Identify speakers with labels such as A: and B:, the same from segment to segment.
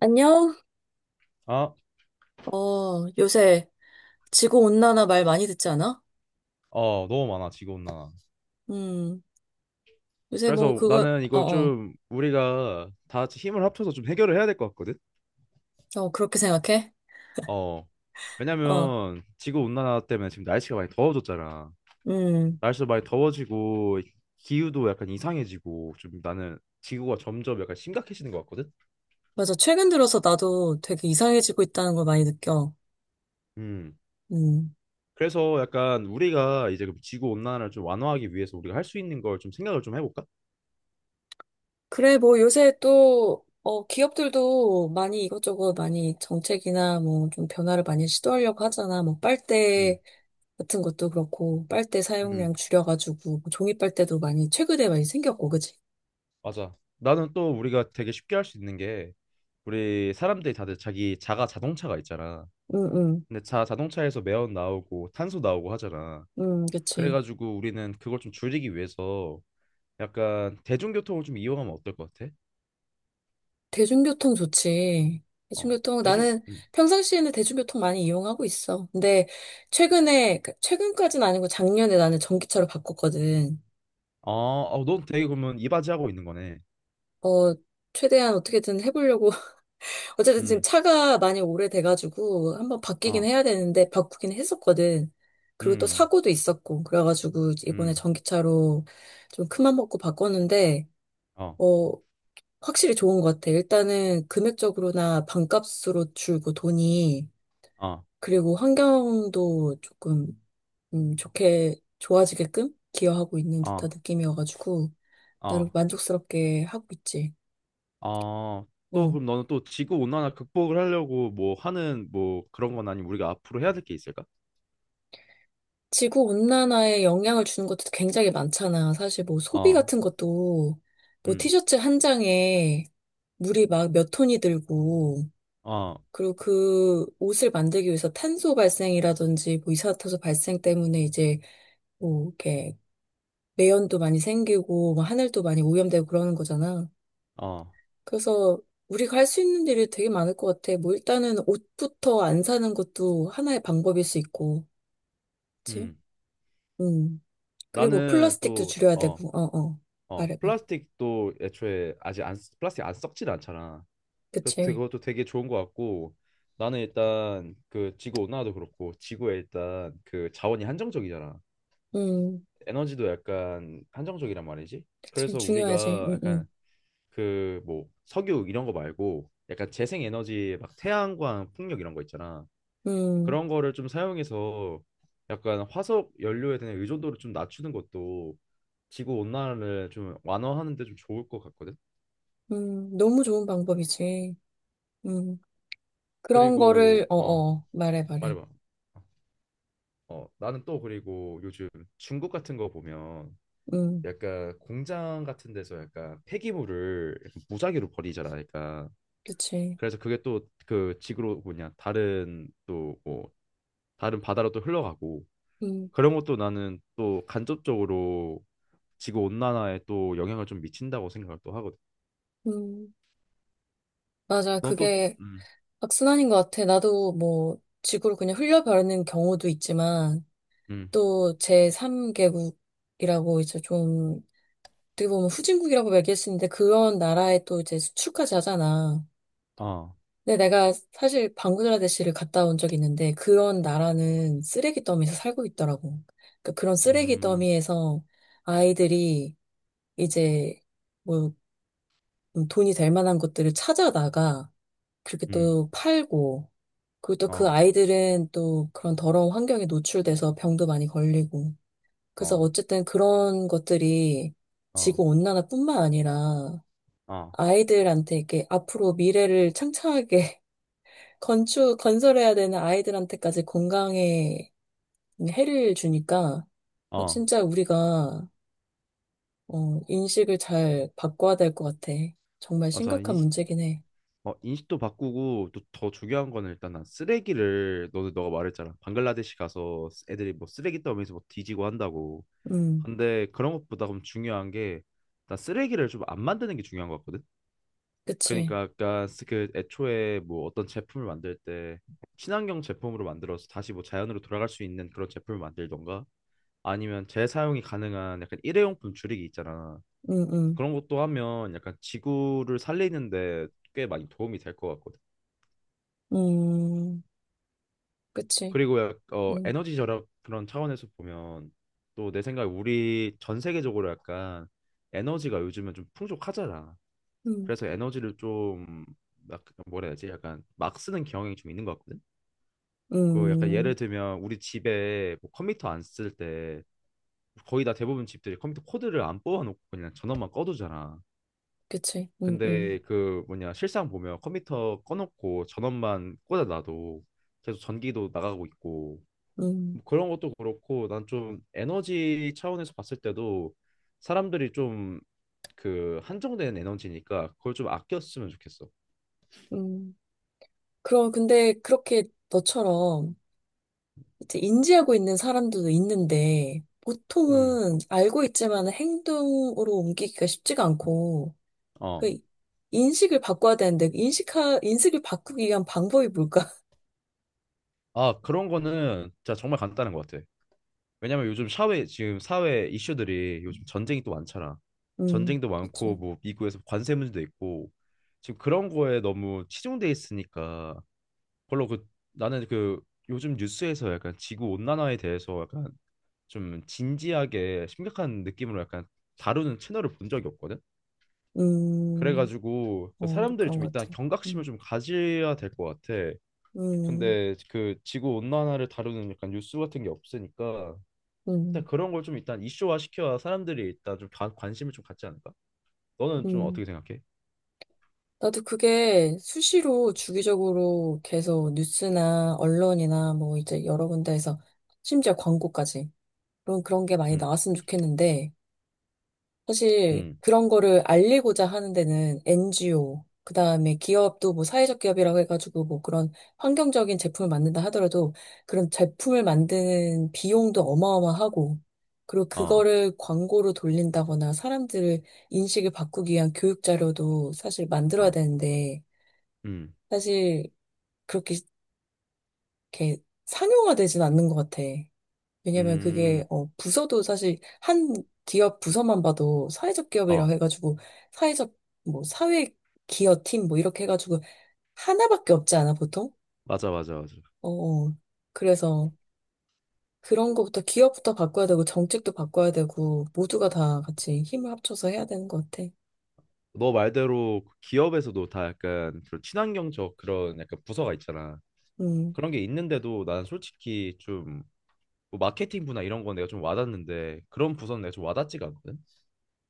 A: 안녕?
B: 아,
A: 요새 지구온난화 말 많이 듣지 않아?
B: 어, 너무 많아, 지구온 난화.
A: 음, 요새 뭐
B: 그래서
A: 그거,
B: 나는
A: 어,
B: 이거
A: 어,
B: 좀 우리가 다 같이 힘을 합쳐서 좀 해결을 해야 될 것 같거든?
A: 어, 그렇게 생각해?
B: 어.
A: 어,
B: 왜냐면 지구온 난화 때문에 지금 날씨가 많이 더워졌잖아.
A: 음,
B: 날씨도 많이 더워지고 기후도 약간 이상해지고 좀 나는 지구가 점점 약간 심각해지는 것 같거든?
A: 맞아. 최근 들어서 나도 되게 이상해지고 있다는 걸 많이 느껴.
B: 음.
A: 음,
B: 그래서 약간 우리가 이제 지구온 난화를 좀 완화하기 위해서 우리가 할 수 있는 걸 좀 생각을 좀 해볼까?
A: 그래, 뭐 요새 또, 기업들도 많이 이것저것 많이 정책이나 뭐 좀 변화를 많이 시도하려고 하잖아. 뭐
B: 음.
A: 빨대 같은 것도 그렇고, 빨대
B: 음.
A: 사용량 줄여가지고, 뭐 종이 빨대도 많이 최근에 많이 생겼고, 그치?
B: 맞아. 나는 또 우리가 되게 쉽게 할 수 있는 게 우리 사람들이 다들 자기 자가 자동차가 있잖아.
A: 응, 응,
B: 근데 자 자동차에서 매연 나오고 탄소 나오고 하잖아.
A: 응, 그치.
B: 그래가지고 우리는 그걸 좀 줄이기 위해서 약간 대중교통을 좀 이용하면 어떨 것 같아?
A: 대중교통 좋지.
B: 어,
A: 대중교통,
B: 대중,
A: 나는
B: 음.
A: 평상시에는 대중교통 많이 이용하고 있어. 근데 최근에, 최근까지는 아니고 작년에 나는 전기차로 바꿨거든.
B: 아, 어, 넌 되게 그러면 이바지하고 있는 거네.
A: 어, 최대한 어떻게든 해보려고. 어쨌든 지금
B: 음,
A: 차가 많이 오래돼가지고 한번 바뀌긴
B: 어,
A: 해야 되는데, 바꾸긴 했었거든. 그리고 또
B: 음,
A: 사고도 있었고, 그래가지고 이번에
B: 음,
A: 전기차로 좀 큰맘 먹고 바꿨는데,
B: 어,
A: 어, 확실히 좋은 것 같아. 일단은 금액적으로나 반값으로 줄고 돈이
B: 어,
A: 그리고 환경도 조금 좋게 좋아지게끔 기여하고 있는
B: 어,
A: 듯한 느낌이어가지고 나름
B: 어,
A: 만족스럽게 하고 있지.
B: 어. 또
A: 어.
B: 그럼 너는 또 지구 온난화 극복을 하려고 뭐 하는 뭐 그런 건 아니면 우리가 앞으로 해야 될 게 있을까?
A: 지구 온난화에 영향을 주는 것도 굉장히 많잖아. 사실 뭐 소비
B: 어,
A: 같은 것도 뭐
B: 음,
A: 티셔츠 한 장에 물이 막 몇 톤이 들고
B: 어,
A: 그리고 그 옷을 만들기 위해서 탄소 발생이라든지 뭐 이산화탄소 발생 때문에 이제 뭐 이렇게 매연도 많이 생기고 뭐 하늘도 많이 오염되고 그러는 거잖아.
B: 어,
A: 그래서 우리가 할 수 있는 일이 되게 많을 것 같아. 뭐 일단은 옷부터 안 사는 것도 하나의 방법일 수 있고, 그치?
B: 음.
A: 음. 그리고
B: 나는
A: 플라스틱도
B: 또,
A: 줄여야 되고, 어, 어. 말해, 말해.
B: 플라스틱도 애초에 아직 안, 플라스틱 안 썩진 않잖아. 그래서
A: 그치?
B: 그것도 되게 좋은 것 같고, 나는 일단 그 지구 온난화도 그렇고, 지구에 일단 그 자원이 한정적이잖아.
A: 음.
B: 에너지도 약간 한정적이란 말이지.
A: 그치.
B: 그래서
A: 중요하지.
B: 우리가 약간 그 뭐 석유 이런 거 말고, 약간 재생 에너지 막 태양광 풍력 이런 거 있잖아.
A: 음,
B: 그런 거를 좀 사용해서 약간 화석 연료에 대한 의존도를 좀 낮추는 것도 지구 온난화를 좀 완화하는 데 좀 좋을 것 같거든.
A: 너무 좋은 방법이지. 음. 그런 거를,
B: 그리고
A: 어, 어. 말해, 말해.
B: 말해봐. 나는 또 그리고 요즘 중국 같은 거 보면
A: 음.
B: 약간 공장 같은 데서 약간 폐기물을 약간 무작위로 버리잖아. 그러니까
A: 그치.
B: 그래서 그게 또 그 지구로 뭐냐 다른 또 뭐 다른 바다로 또 흘러가고
A: 음,
B: 그런 것도 나는 또 간접적으로 지구 온난화에 또 영향을 좀 미친다고 생각을 또 하거든.
A: 음. 맞아.
B: 넌 또,
A: 그게
B: 음,
A: 악순환인 것 같아. 나도 뭐, 지구를 그냥 흘려버리는 경우도 있지만,
B: 음,
A: 또 제3개국이라고 이제 좀 어떻게 보면 후진국이라고 얘기할 수 있는데 그런 나라에 또 이제 수출까지 하잖아.
B: 어,
A: 근데 내가 사실 방글라데시를 갔다 온 적이 있는데 그런 나라는 쓰레기 더미에서 살고 있더라고. 그러니까 그런 쓰레기
B: 음,
A: 더미에서 아이들이 이제 뭐 돈이 될 만한 것들을 찾아다가 그렇게
B: 음,
A: 또 팔고 그리고 또 그
B: 어,
A: 아이들은 또 그런 더러운 환경에 노출돼서 병도 많이 걸리고 그래서
B: 어,
A: 어쨌든 그런 것들이
B: 어,
A: 지구 온난화뿐만 아니라
B: 어,
A: 아이들한테 이렇게 앞으로 미래를 창창하게 건설해야 되는 아이들한테까지 건강에 해를 주니까
B: 어,
A: 진짜 우리가 인식을 잘 바꿔야 될 것 같아. 정말
B: 맞아.
A: 심각한 문제긴 해.
B: 인식도 바꾸고 또 더 중요한 거는 일단 난 쓰레기를 너는 너가 말했잖아. 방글라데시 가서 애들이 뭐 쓰레기 더미에서 뭐 뒤지고 한다고.
A: 음,
B: 근데 그런 것보다 그럼 중요한 게 나 쓰레기를 좀 안 만드는 게 중요한 것 같거든.
A: 그치.
B: 그러니까 아까 그 애초에 뭐 어떤 제품을 만들 때 친환경 제품으로 만들어서 다시 뭐 자연으로 돌아갈 수 있는 그런 제품을 만들던가 아니면 재사용이 가능한 약간 일회용품 줄이기 있잖아.
A: 음, 음,
B: 그런 것도 하면 약간 지구를 살리는데 꽤 많이 도움이 될 것 같거든.
A: 음, 그치.
B: 그리고
A: 음,
B: 에너지 절약 그런 차원에서 보면 또 내 생각에 우리 전 세계적으로 약간 에너지가 요즘은 좀 풍족하잖아.
A: 음,
B: 그래서 에너지를 좀 막 뭐라 해야 되지? 약간 막 쓰는 경향이 좀 있는 것 같거든. 그 약간 예를
A: 음,
B: 들면 우리 집에 뭐 컴퓨터 안 쓸 때 거의 다 대부분 집들이 컴퓨터 코드를 안 뽑아놓고 그냥 전원만 꺼두잖아.
A: 그치.
B: 근데 그 뭐냐 실상 보면 컴퓨터 꺼놓고 전원만 꽂아놔도 계속 전기도 나가고 있고
A: 음,
B: 뭐 그런 것도 그렇고 난 좀 에너지 차원에서 봤을 때도 사람들이 좀 그 한정된 에너지니까 그걸 좀 아꼈으면 좋겠어.
A: 음. 그럼 근데 그렇게 너처럼 이제 인지하고 있는 사람들도 있는데
B: 음.
A: 보통은 알고 있지만 행동으로 옮기기가 쉽지가 않고
B: 어.
A: 그 인식을 바꿔야 되는데 그 인식하 인식을 바꾸기 위한 방법이 뭘까?
B: 아, 그런 거는 진짜 정말 간단한 것 같아. 왜냐면 요즘 사회 지금 사회 이슈들이 요즘 전쟁이 또 많잖아. 전쟁도 많고
A: 그렇죠.
B: 뭐 미국에서 관세 문제도 있고 지금 그런 거에 너무 치중돼 있으니까 별로 그 나는 그 요즘 뉴스에서 약간 지구 온난화에 대해서 약간 좀 진지하게 심각한 느낌으로 약간 다루는 채널을 본 적이 없거든.
A: 음,
B: 그래가지고 그
A: 뭐
B: 사람들이
A: 그런
B: 좀
A: 것
B: 일단
A: 같아.
B: 경각심을
A: 음,
B: 좀 가져야 될 것 같아.
A: 음,
B: 근데 그 지구 온난화를 다루는 약간 뉴스 같은 게 없으니까 일단
A: 음,
B: 그런 걸 좀 일단 이슈화 시켜야 사람들이 일단 좀 관심을 좀 갖지 않을까? 너는 좀
A: 음.
B: 어떻게 생각해?
A: 나도 그게 수시로 주기적으로 계속 뉴스나 언론이나 뭐 이제 여러 군데에서 심지어 광고까지 그런 게 많이
B: 응,
A: 나왔으면 좋겠는데, 사실
B: 응,
A: 그런 거를 알리고자 하는 데는 NGO, 그 다음에 기업도 뭐 사회적 기업이라고 해가지고 뭐 그런 환경적인 제품을 만든다 하더라도 그런 제품을 만드는 비용도 어마어마하고, 그리고
B: 어,
A: 그거를 광고로 돌린다거나 사람들을 인식을 바꾸기 위한 교육 자료도 사실 만들어야
B: 어,
A: 되는데,
B: 응,
A: 사실 그렇게 이렇게 상용화되진 않는 것 같아. 왜냐면
B: 음,
A: 그게, 부서도 사실 한 기업 부서만 봐도 사회적 기업이라 고
B: 어,
A: 해가지고, 사회적, 뭐, 사회 기업 팀, 뭐, 이렇게 해가지고, 하나밖에 없지 않아, 보통?
B: 맞아, 맞아, 맞아.
A: 어, 어. 그래서 그런 거부터 기업부터 바꿔야 되고, 정책도 바꿔야 되고, 모두가 다 같이 힘을 합쳐서 해야 되는 것 같아.
B: 너 말대로 그 기업에서도 다 약간 그런 친환경적 그런 약간 부서가 있잖아.
A: 음,
B: 그런 게 있는데도 난 솔직히 좀뭐 마케팅 부나 이런 건 내가 좀 와닿는데 그런 부서는 내가 좀 와닿지가 않거든.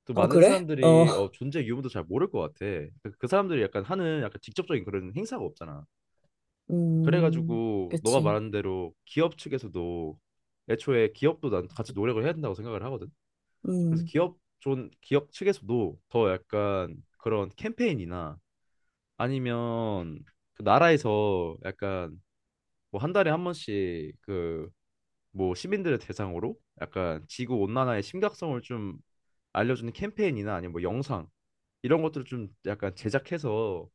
B: 또
A: 어,
B: 많은
A: 그래? 어,
B: 사람들이 존재 유무도 잘 모를 것 같아. 그 사람들이 약간 하는 약간 직접적인 그런 행사가 없잖아.
A: 음,
B: 그래가지고 너가
A: 그치.
B: 말한 대로 기업 측에서도 애초에 기업도 난 같이 노력을 해야 된다고 생각을 하거든. 그래서
A: 음,
B: 기업 측에서도 더 약간 그런 캠페인이나 아니면 그 나라에서 약간 뭐 한 달에 한 번씩 그 뭐 시민들을 대상으로 약간 지구 온난화의 심각성을 좀 알려주는 캠페인이나 아니면 뭐 영상 이런 것들을 좀 약간 제작해서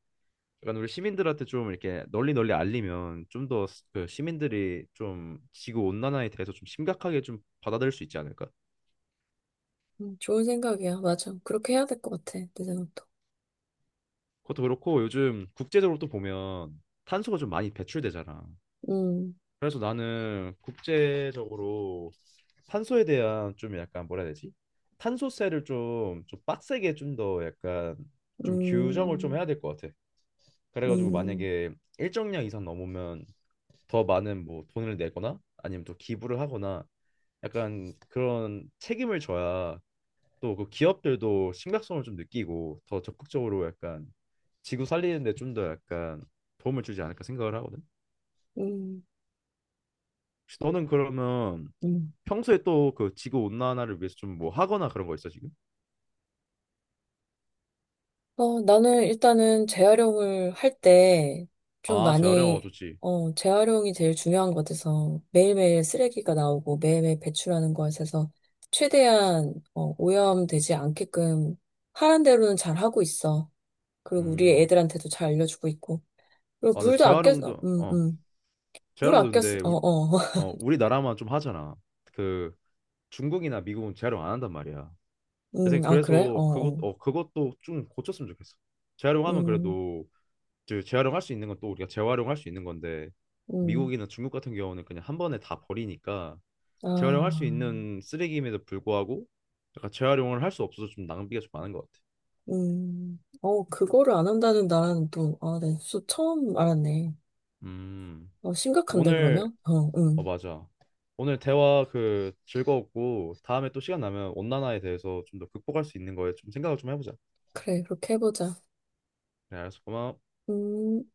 B: 약간 우리 시민들한테 좀 이렇게 널리 널리 알리면 좀 더 그 시민들이 좀 지구 온난화에 대해서 좀 심각하게 좀 받아들일 수 있지 않을까?
A: 좋은 생각이야. 맞아. 그렇게 해야 될 것 같아, 내 생각도.
B: 그것도 그렇고 요즘 국제적으로 또 보면 탄소가 좀 많이 배출되잖아.
A: 음,
B: 그래서 나는 국제적으로 탄소에 대한 좀 약간 뭐라 해야 되지? 탄소세를 좀, 좀 빡세게 좀 더 약간 좀 규정을 좀
A: 음,
B: 해야 될 것 같아. 그래가지고
A: 음,
B: 만약에 일정량 이상 넘으면 더 많은 뭐 돈을 내거나 아니면 또 기부를 하거나 약간 그런 책임을 져야 또 그 기업들도 심각성을 좀 느끼고 더 적극적으로 약간 지구 살리는 데 좀 더 약간 도움을 주지 않을까 생각을 하거든.
A: 음.
B: 혹시 너는 그러면
A: 음.
B: 평소에 또 그 지구 온난화를 위해서 좀 뭐 하거나 그런 거 있어 지금?
A: 나는 일단은 재활용을 할 때 좀
B: 아, 재활용
A: 많이,
B: 좋지.
A: 재활용이 제일 중요한 것 같아서 매일매일 쓰레기가 나오고 매일매일 배출하는 것에서 최대한 오염되지 않게끔 하란 대로는 잘 하고 있어. 그리고 우리
B: 음.
A: 애들한테도 잘 알려주고 있고. 그리고
B: 아, 근데
A: 물도 아껴, 어,
B: 재활용도
A: 음, 음. 물 아껴, 쓰-
B: 근데
A: 어, 어.
B: 우리나라만 좀 하잖아. 그 중국이나 미국은 재활용 안 한단 말이야. 대신
A: 아, 그래? 어,
B: 그래서
A: 어.
B: 그것도 좀 고쳤으면 좋겠어. 재활용하면
A: 음,
B: 그래도 재활용할 수 있는 건 또 우리가 재활용할 수 있는 건데
A: 음.
B: 미국이나 중국 같은 경우는 그냥 한 번에 다 버리니까 재활용할 수
A: 아.
B: 있는 쓰레기임에도 불구하고 약간 재활용을 할 수 없어서 좀 낭비가 좀 많은 것 같아.
A: 그거를 안 한다는 나라는 또, 아, 네, 수 처음 알았네.
B: 음
A: 심각한데,
B: 오늘
A: 그러면? 어,
B: 어
A: 응.
B: 맞아. 오늘 대화 그 즐거웠고 다음에 또 시간 나면 온난화에 대해서 좀 더 극복할 수 있는 거에 좀 생각을 좀 해보자.
A: 그래, 그렇게 해보자.
B: 그래, 알았어. 고마워.
A: 음.